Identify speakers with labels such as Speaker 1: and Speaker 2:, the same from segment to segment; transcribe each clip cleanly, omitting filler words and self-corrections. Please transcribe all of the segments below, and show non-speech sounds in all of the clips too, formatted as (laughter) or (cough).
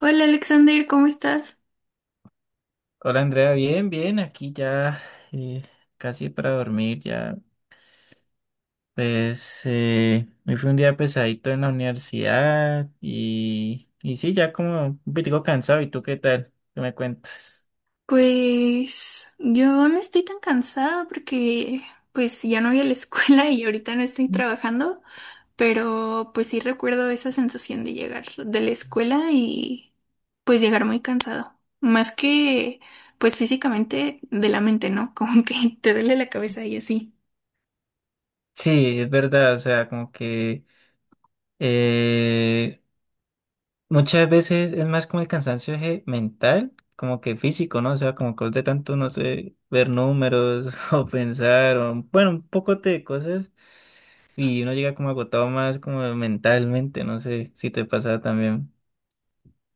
Speaker 1: Hola Alexander, ¿cómo estás?
Speaker 2: Hola Andrea, bien, bien, aquí ya eh, casi para dormir ya. Pues hoy fue un día pesadito en la universidad y sí, ya como un poquito cansado. ¿Y tú qué tal? ¿Qué me cuentas?
Speaker 1: Pues yo no estoy tan cansada porque pues ya no voy a la escuela (laughs) y ahorita no estoy trabajando, pero pues sí recuerdo esa sensación de llegar de la escuela y pues llegar muy cansado, más que pues físicamente de la mente, ¿no? (laughs) Como que te duele la cabeza y así.
Speaker 2: Sí, es verdad, o sea, como que eh, muchas veces es más como el cansancio eje mental, como que físico, ¿no? O sea, como que de tanto, no sé, ver números (laughs) o pensar, o, bueno, un poco de cosas, y uno llega como agotado más como mentalmente, no sé si te pasa también.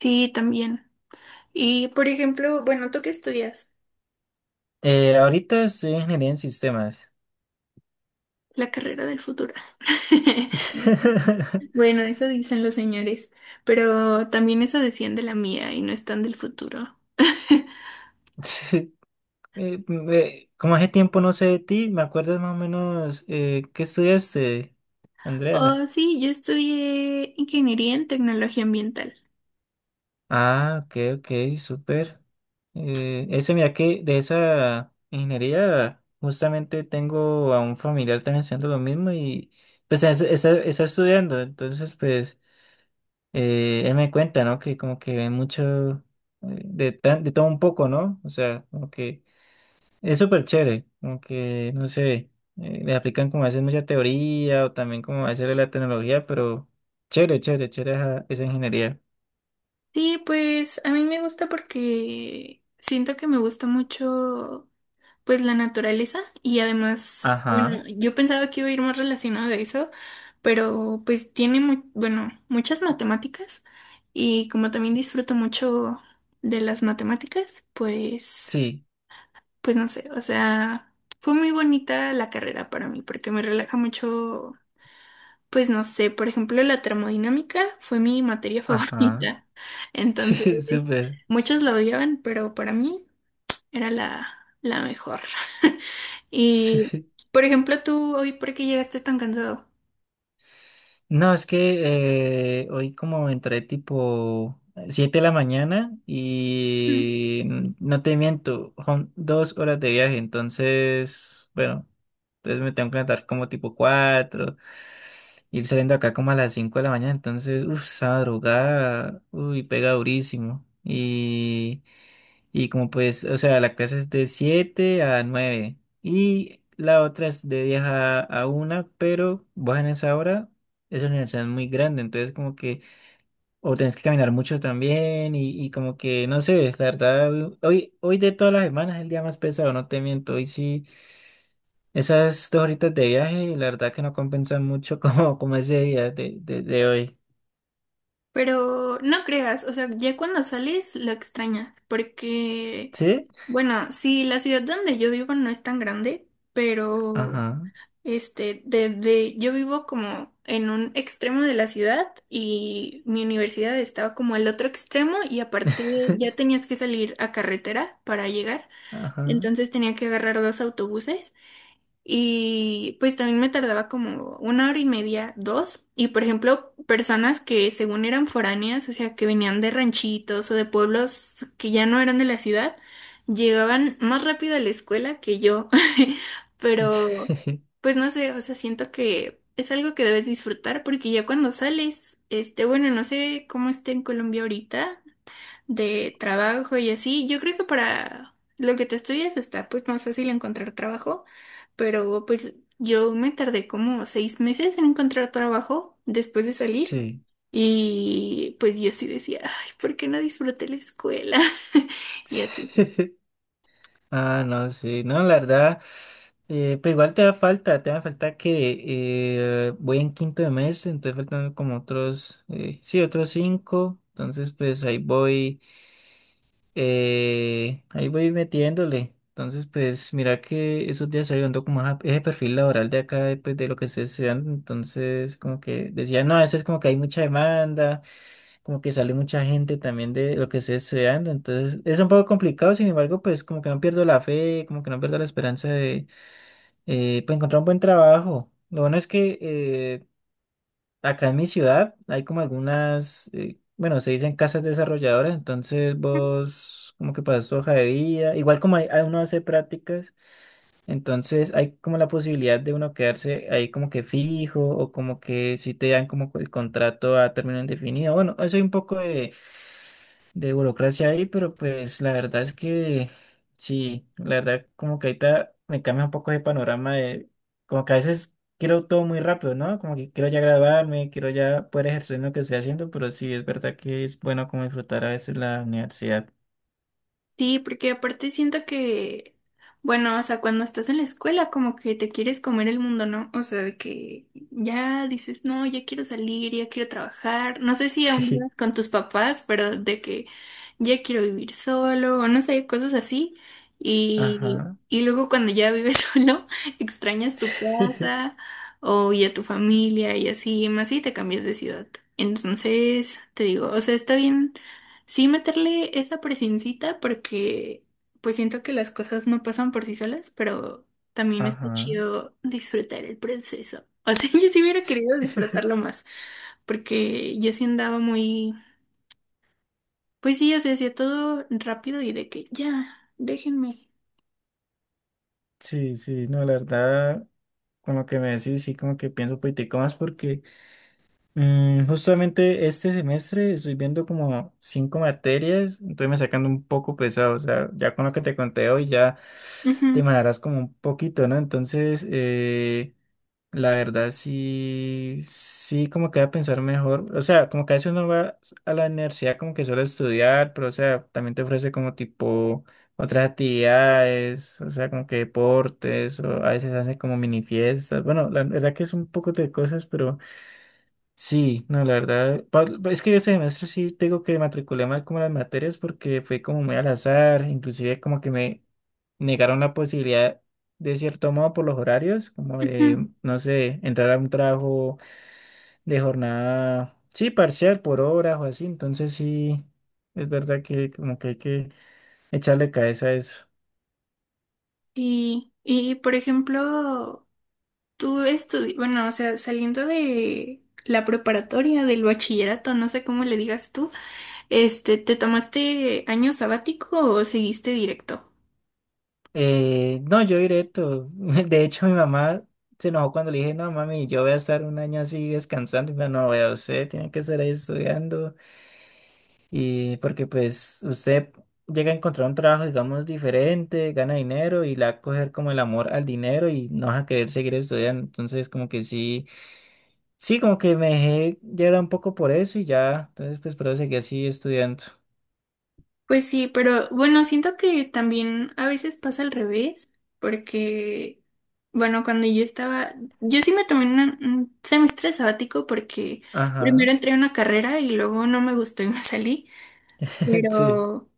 Speaker 1: Sí, también. Y por ejemplo, bueno, ¿tú qué estudias?
Speaker 2: Ahorita estoy en ingeniería en sistemas.
Speaker 1: La carrera del futuro. (laughs)
Speaker 2: (laughs)
Speaker 1: Bueno, eso dicen los señores, pero también eso decían de la mía y no están del futuro. (laughs)
Speaker 2: Sí, como hace tiempo no sé de ti, ¿me acuerdas más o menos qué estudiaste, Andrea?
Speaker 1: Oh, sí, yo estudié ingeniería en tecnología ambiental.
Speaker 2: Ah, ok, ok, súper. Ese, mira que de esa ingeniería, justamente tengo a un familiar también haciendo lo mismo y pues está estudiando, entonces pues él me cuenta, ¿no? Que como que ve mucho, de todo un poco, ¿no? O sea, como que es súper chévere, como que, no sé, le aplican como a veces mucha teoría o también como a veces la tecnología, pero chévere, chévere, chévere esa ingeniería.
Speaker 1: Sí, pues a mí me gusta porque siento que me gusta mucho pues la naturaleza y además, bueno,
Speaker 2: Ajá,
Speaker 1: yo pensaba que iba a ir más relacionado de eso, pero pues tiene bueno, muchas matemáticas y como también disfruto mucho de las matemáticas, pues
Speaker 2: sí.
Speaker 1: pues no sé, o sea, fue muy bonita la carrera para mí porque me relaja mucho, pues no sé, por ejemplo, la termodinámica fue mi materia (laughs)
Speaker 2: Ajá.
Speaker 1: favorita.
Speaker 2: (laughs) Sí,
Speaker 1: Entonces,
Speaker 2: súper.
Speaker 1: muchos la odiaban, pero para mí era la mejor. (laughs) Y,
Speaker 2: Sí.
Speaker 1: por ejemplo, tú hoy, ¿por qué llegaste tan cansado?
Speaker 2: No, es que hoy como entré tipo 7 de la mañana
Speaker 1: Mm.
Speaker 2: y no te miento, son 2 horas de viaje, entonces, bueno, entonces me tengo que levantar como tipo cuatro, ir saliendo acá como a las 5 de la mañana, entonces, uff, esa madrugada, uy, pega durísimo. Y como pues, o sea, la clase es de 7 a 9 y la otra es de 10 a una, pero bajan esa hora. Esa universidad es muy grande, entonces como que o tenés que caminar mucho también y como que no sé, es la verdad, hoy de todas las semanas es el día más pesado, no te miento, hoy sí, esas dos horitas de viaje, la verdad que no compensan mucho (laughs) como ese día de hoy.
Speaker 1: Pero no creas, o sea, ya cuando sales lo extrañas, porque,
Speaker 2: ¿Sí?
Speaker 1: bueno, sí, la ciudad donde yo vivo no es tan grande, pero
Speaker 2: Ajá.
Speaker 1: este, desde yo vivo como en un extremo de la ciudad y mi universidad estaba como al otro extremo y aparte ya
Speaker 2: (laughs)
Speaker 1: tenías que salir a carretera para llegar,
Speaker 2: Ajá.
Speaker 1: entonces tenía que agarrar dos autobuses y pues también me tardaba como una hora y media, dos. Y por ejemplo, personas que según eran foráneas, o sea, que venían de ranchitos o de pueblos que ya no eran de la ciudad, llegaban más rápido a la escuela que yo. (laughs) Pero,
Speaker 2: (laughs)
Speaker 1: pues no sé, o sea, siento que es algo que debes disfrutar porque ya cuando sales, este, bueno, no sé cómo está en Colombia ahorita de trabajo y así. Yo creo que para lo que te estudias está pues más fácil encontrar trabajo, pero pues yo me tardé como 6 meses en encontrar trabajo después de salir
Speaker 2: Sí.
Speaker 1: y pues yo sí decía, ay, ¿por qué no disfruté la escuela? (laughs) Y así.
Speaker 2: Sí. (laughs) Ah, no, sí, no, la verdad, pues igual te da falta que voy en quinto de mes, entonces faltan como otros, sí, otros cinco, entonces pues ahí voy metiéndole, entonces pues mira que esos días estoy viendo como ese perfil laboral de acá, de, pues de lo que estoy estudiando, entonces como que decía, no, a veces como que hay mucha demanda, como que sale mucha gente también de lo que estoy estudiando, entonces es un poco complicado, sin embargo, pues como que no pierdo la fe, como que no pierdo la esperanza de pues, encontrar un buen trabajo. Lo bueno es que acá en mi ciudad hay como algunas, bueno, se dicen casas desarrolladoras, entonces vos como que pasas tu hoja de vida, igual como uno hace prácticas, entonces hay como la posibilidad de uno quedarse ahí como que fijo o como que si te dan como el contrato a término indefinido. Bueno, eso hay un poco de burocracia ahí, pero pues la verdad es que sí, la verdad como que ahorita me cambia un poco de panorama de como que a veces quiero todo muy rápido, ¿no? Como que quiero ya graduarme, quiero ya poder ejercer lo que estoy haciendo, pero sí, es verdad que es bueno como disfrutar a veces la universidad. (laughs)
Speaker 1: Sí, porque aparte siento que, bueno, o sea, cuando estás en la escuela como que te quieres comer el mundo, ¿no? O sea, de que ya dices, no, ya quiero salir, ya quiero trabajar. No sé si aún
Speaker 2: Sí,
Speaker 1: vivas con tus papás, pero de que ya quiero vivir solo, o no sé, cosas así. Y,
Speaker 2: ajá.
Speaker 1: y luego cuando ya vives (laughs) solo, extrañas tu
Speaker 2: (laughs)
Speaker 1: casa o y a tu familia y así, más si te cambias de ciudad. Entonces, te digo, o sea, está bien sí meterle esa presioncita porque pues siento que las cosas no pasan por sí solas, pero también está
Speaker 2: Ajá.
Speaker 1: chido disfrutar el proceso. O sea, (laughs) yo sí hubiera querido disfrutarlo
Speaker 2: (laughs)
Speaker 1: más, porque yo sí andaba muy, pues sí, o sea, hacía todo rápido y de que ya, déjenme.
Speaker 2: Sí, sí, no, la verdad, con lo que me decís, sí, como que pienso un poquitico más porque justamente este semestre estoy viendo como cinco materias, entonces me sacando un poco pesado, o sea, ya con lo que te conté hoy ya te
Speaker 1: Ujú,
Speaker 2: mandarás como un poquito, ¿no? Entonces, la verdad sí, sí como que voy a pensar mejor, o sea, como que a veces uno va a la universidad como que solo a estudiar, pero o sea, también te ofrece como tipo otras actividades, o sea, como que deportes, o a veces hacen como mini fiestas, bueno, la verdad que es un poco de cosas, pero. Sí, no, la verdad, es que ese semestre sí tengo que matriculé mal como las materias porque fue como muy al azar, inclusive como que me negaron la posibilidad de cierto modo por los horarios, como
Speaker 1: ujú.
Speaker 2: de, no sé, entrar a un trabajo de jornada, sí, parcial por horas o así, entonces sí, es verdad que como que hay que echarle cabeza a eso.
Speaker 1: Y por ejemplo, bueno, o sea, saliendo de la preparatoria, del bachillerato, no sé cómo le digas tú. Este, ¿te tomaste año sabático o seguiste directo?
Speaker 2: No, yo directo. (laughs) De hecho, mi mamá se enojó cuando le dije, no, mami, yo voy a estar un año así descansando. Y me dijo, no, vea, usted tiene que estar ahí estudiando. Y porque pues usted llega a encontrar un trabajo, digamos, diferente, gana dinero y le va a coger como el amor al dinero y no vas a querer seguir estudiando. Entonces, como que sí, sí, como que me dejé llevar un poco por eso y ya. Entonces, pues, pero seguí así estudiando.
Speaker 1: Pues sí, pero bueno, siento que también a veces pasa al revés, porque, bueno, cuando yo estaba, yo sí me tomé un semestre sabático porque primero
Speaker 2: Ajá.
Speaker 1: entré a una carrera y luego no me gustó y me salí,
Speaker 2: (laughs)
Speaker 1: pero...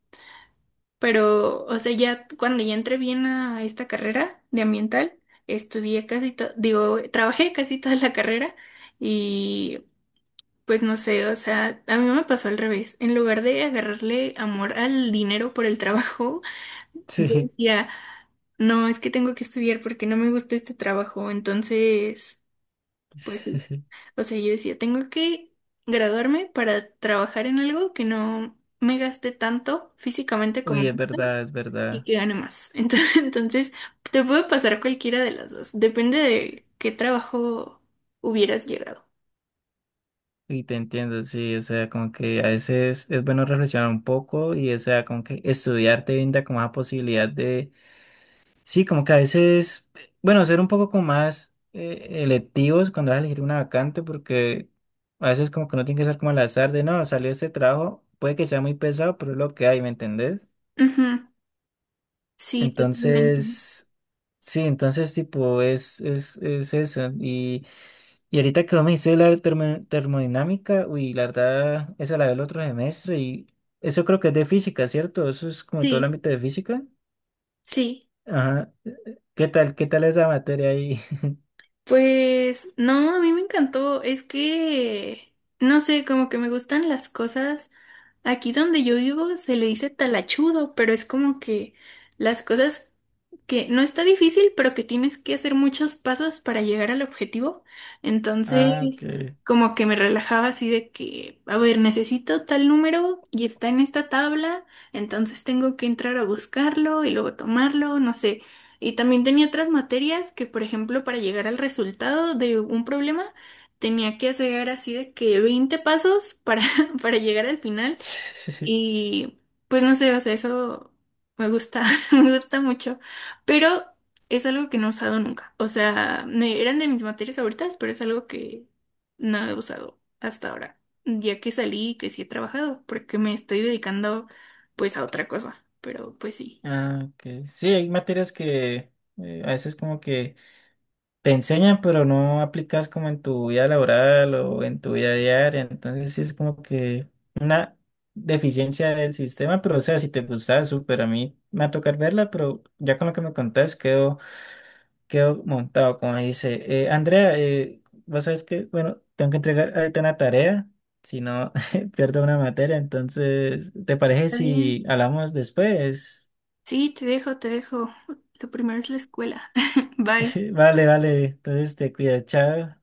Speaker 1: Pero, o sea, ya cuando ya entré bien a esta carrera de ambiental, estudié casi todo, digo, trabajé casi toda la carrera y pues no sé, o sea, a mí me pasó al revés. En lugar de agarrarle amor al dinero por el trabajo, (laughs) yo
Speaker 2: Sí, sí.
Speaker 1: decía, no, es que tengo que estudiar porque no me gusta este trabajo. Entonces, pues, sí.
Speaker 2: (laughs)
Speaker 1: O sea, yo decía, tengo que graduarme para trabajar en algo que no me gaste tanto físicamente como
Speaker 2: Uy, es
Speaker 1: esto
Speaker 2: verdad, es
Speaker 1: y
Speaker 2: verdad.
Speaker 1: que gane más. (laughs) Entonces, entonces, te puede pasar cualquiera de las dos. Depende de qué trabajo hubieras llegado.
Speaker 2: Y te entiendo, sí, o sea, como que a veces es bueno reflexionar un poco y, o sea, como que estudiar te brinda como esa posibilidad de, sí, como que a veces, bueno, ser un poco como más electivos cuando vas a elegir una vacante, porque a veces como que no tiene que ser como al azar de, no, salió este trabajo, puede que sea muy pesado, pero es lo que hay, ¿me entendés?
Speaker 1: Ujú. Sí, totalmente.
Speaker 2: Entonces, sí, entonces tipo es eso. Y ahorita que vos me dices la termodinámica, uy, la verdad, esa la veo el otro semestre y eso creo que es de física, ¿cierto? Eso es como todo el
Speaker 1: Sí,
Speaker 2: ámbito de física.
Speaker 1: sí.
Speaker 2: Ajá. ¿Qué tal? ¿Qué tal esa materia ahí? (laughs)
Speaker 1: Pues no, a mí me encantó. Es que, no sé, como que me gustan las cosas. Aquí donde yo vivo se le dice talachudo, pero es como que las cosas que no está difícil, pero que tienes que hacer muchos pasos para llegar al objetivo.
Speaker 2: Ah, ok.
Speaker 1: Entonces, como que me relajaba así de que, a ver, necesito tal número y está en esta tabla, entonces tengo que entrar a buscarlo y luego tomarlo, no sé. Y también tenía otras materias que, por ejemplo, para llegar al resultado de un problema, tenía que hacer así de que 20 pasos para, (laughs) para llegar al final.
Speaker 2: (laughs)
Speaker 1: Y pues no sé, o sea, eso me gusta, (laughs) me gusta mucho, pero es algo que no he usado nunca. O sea, eran de mis materias favoritas, pero es algo que no he usado hasta ahora, ya que salí y que sí he trabajado, porque me estoy dedicando pues a otra cosa, pero pues sí.
Speaker 2: Ah, ok. Sí, hay materias que a veces como que te enseñan, pero no aplicas como en tu vida laboral o en tu vida diaria. Entonces sí es como que una deficiencia del sistema, pero o sea, si te gustaba, súper. A mí me va a tocar verla, pero ya con lo que me contás quedo montado, como dice. Andrea, vos sabes que, bueno, tengo que entregar ahorita una tarea, si no (laughs) pierdo una materia. Entonces, ¿te parece
Speaker 1: Está bien.
Speaker 2: si hablamos después?
Speaker 1: Sí, te dejo, te dejo. Lo primero es la escuela. (laughs) Bye.
Speaker 2: (laughs) Vale, vale. Entonces te cuidas, chao.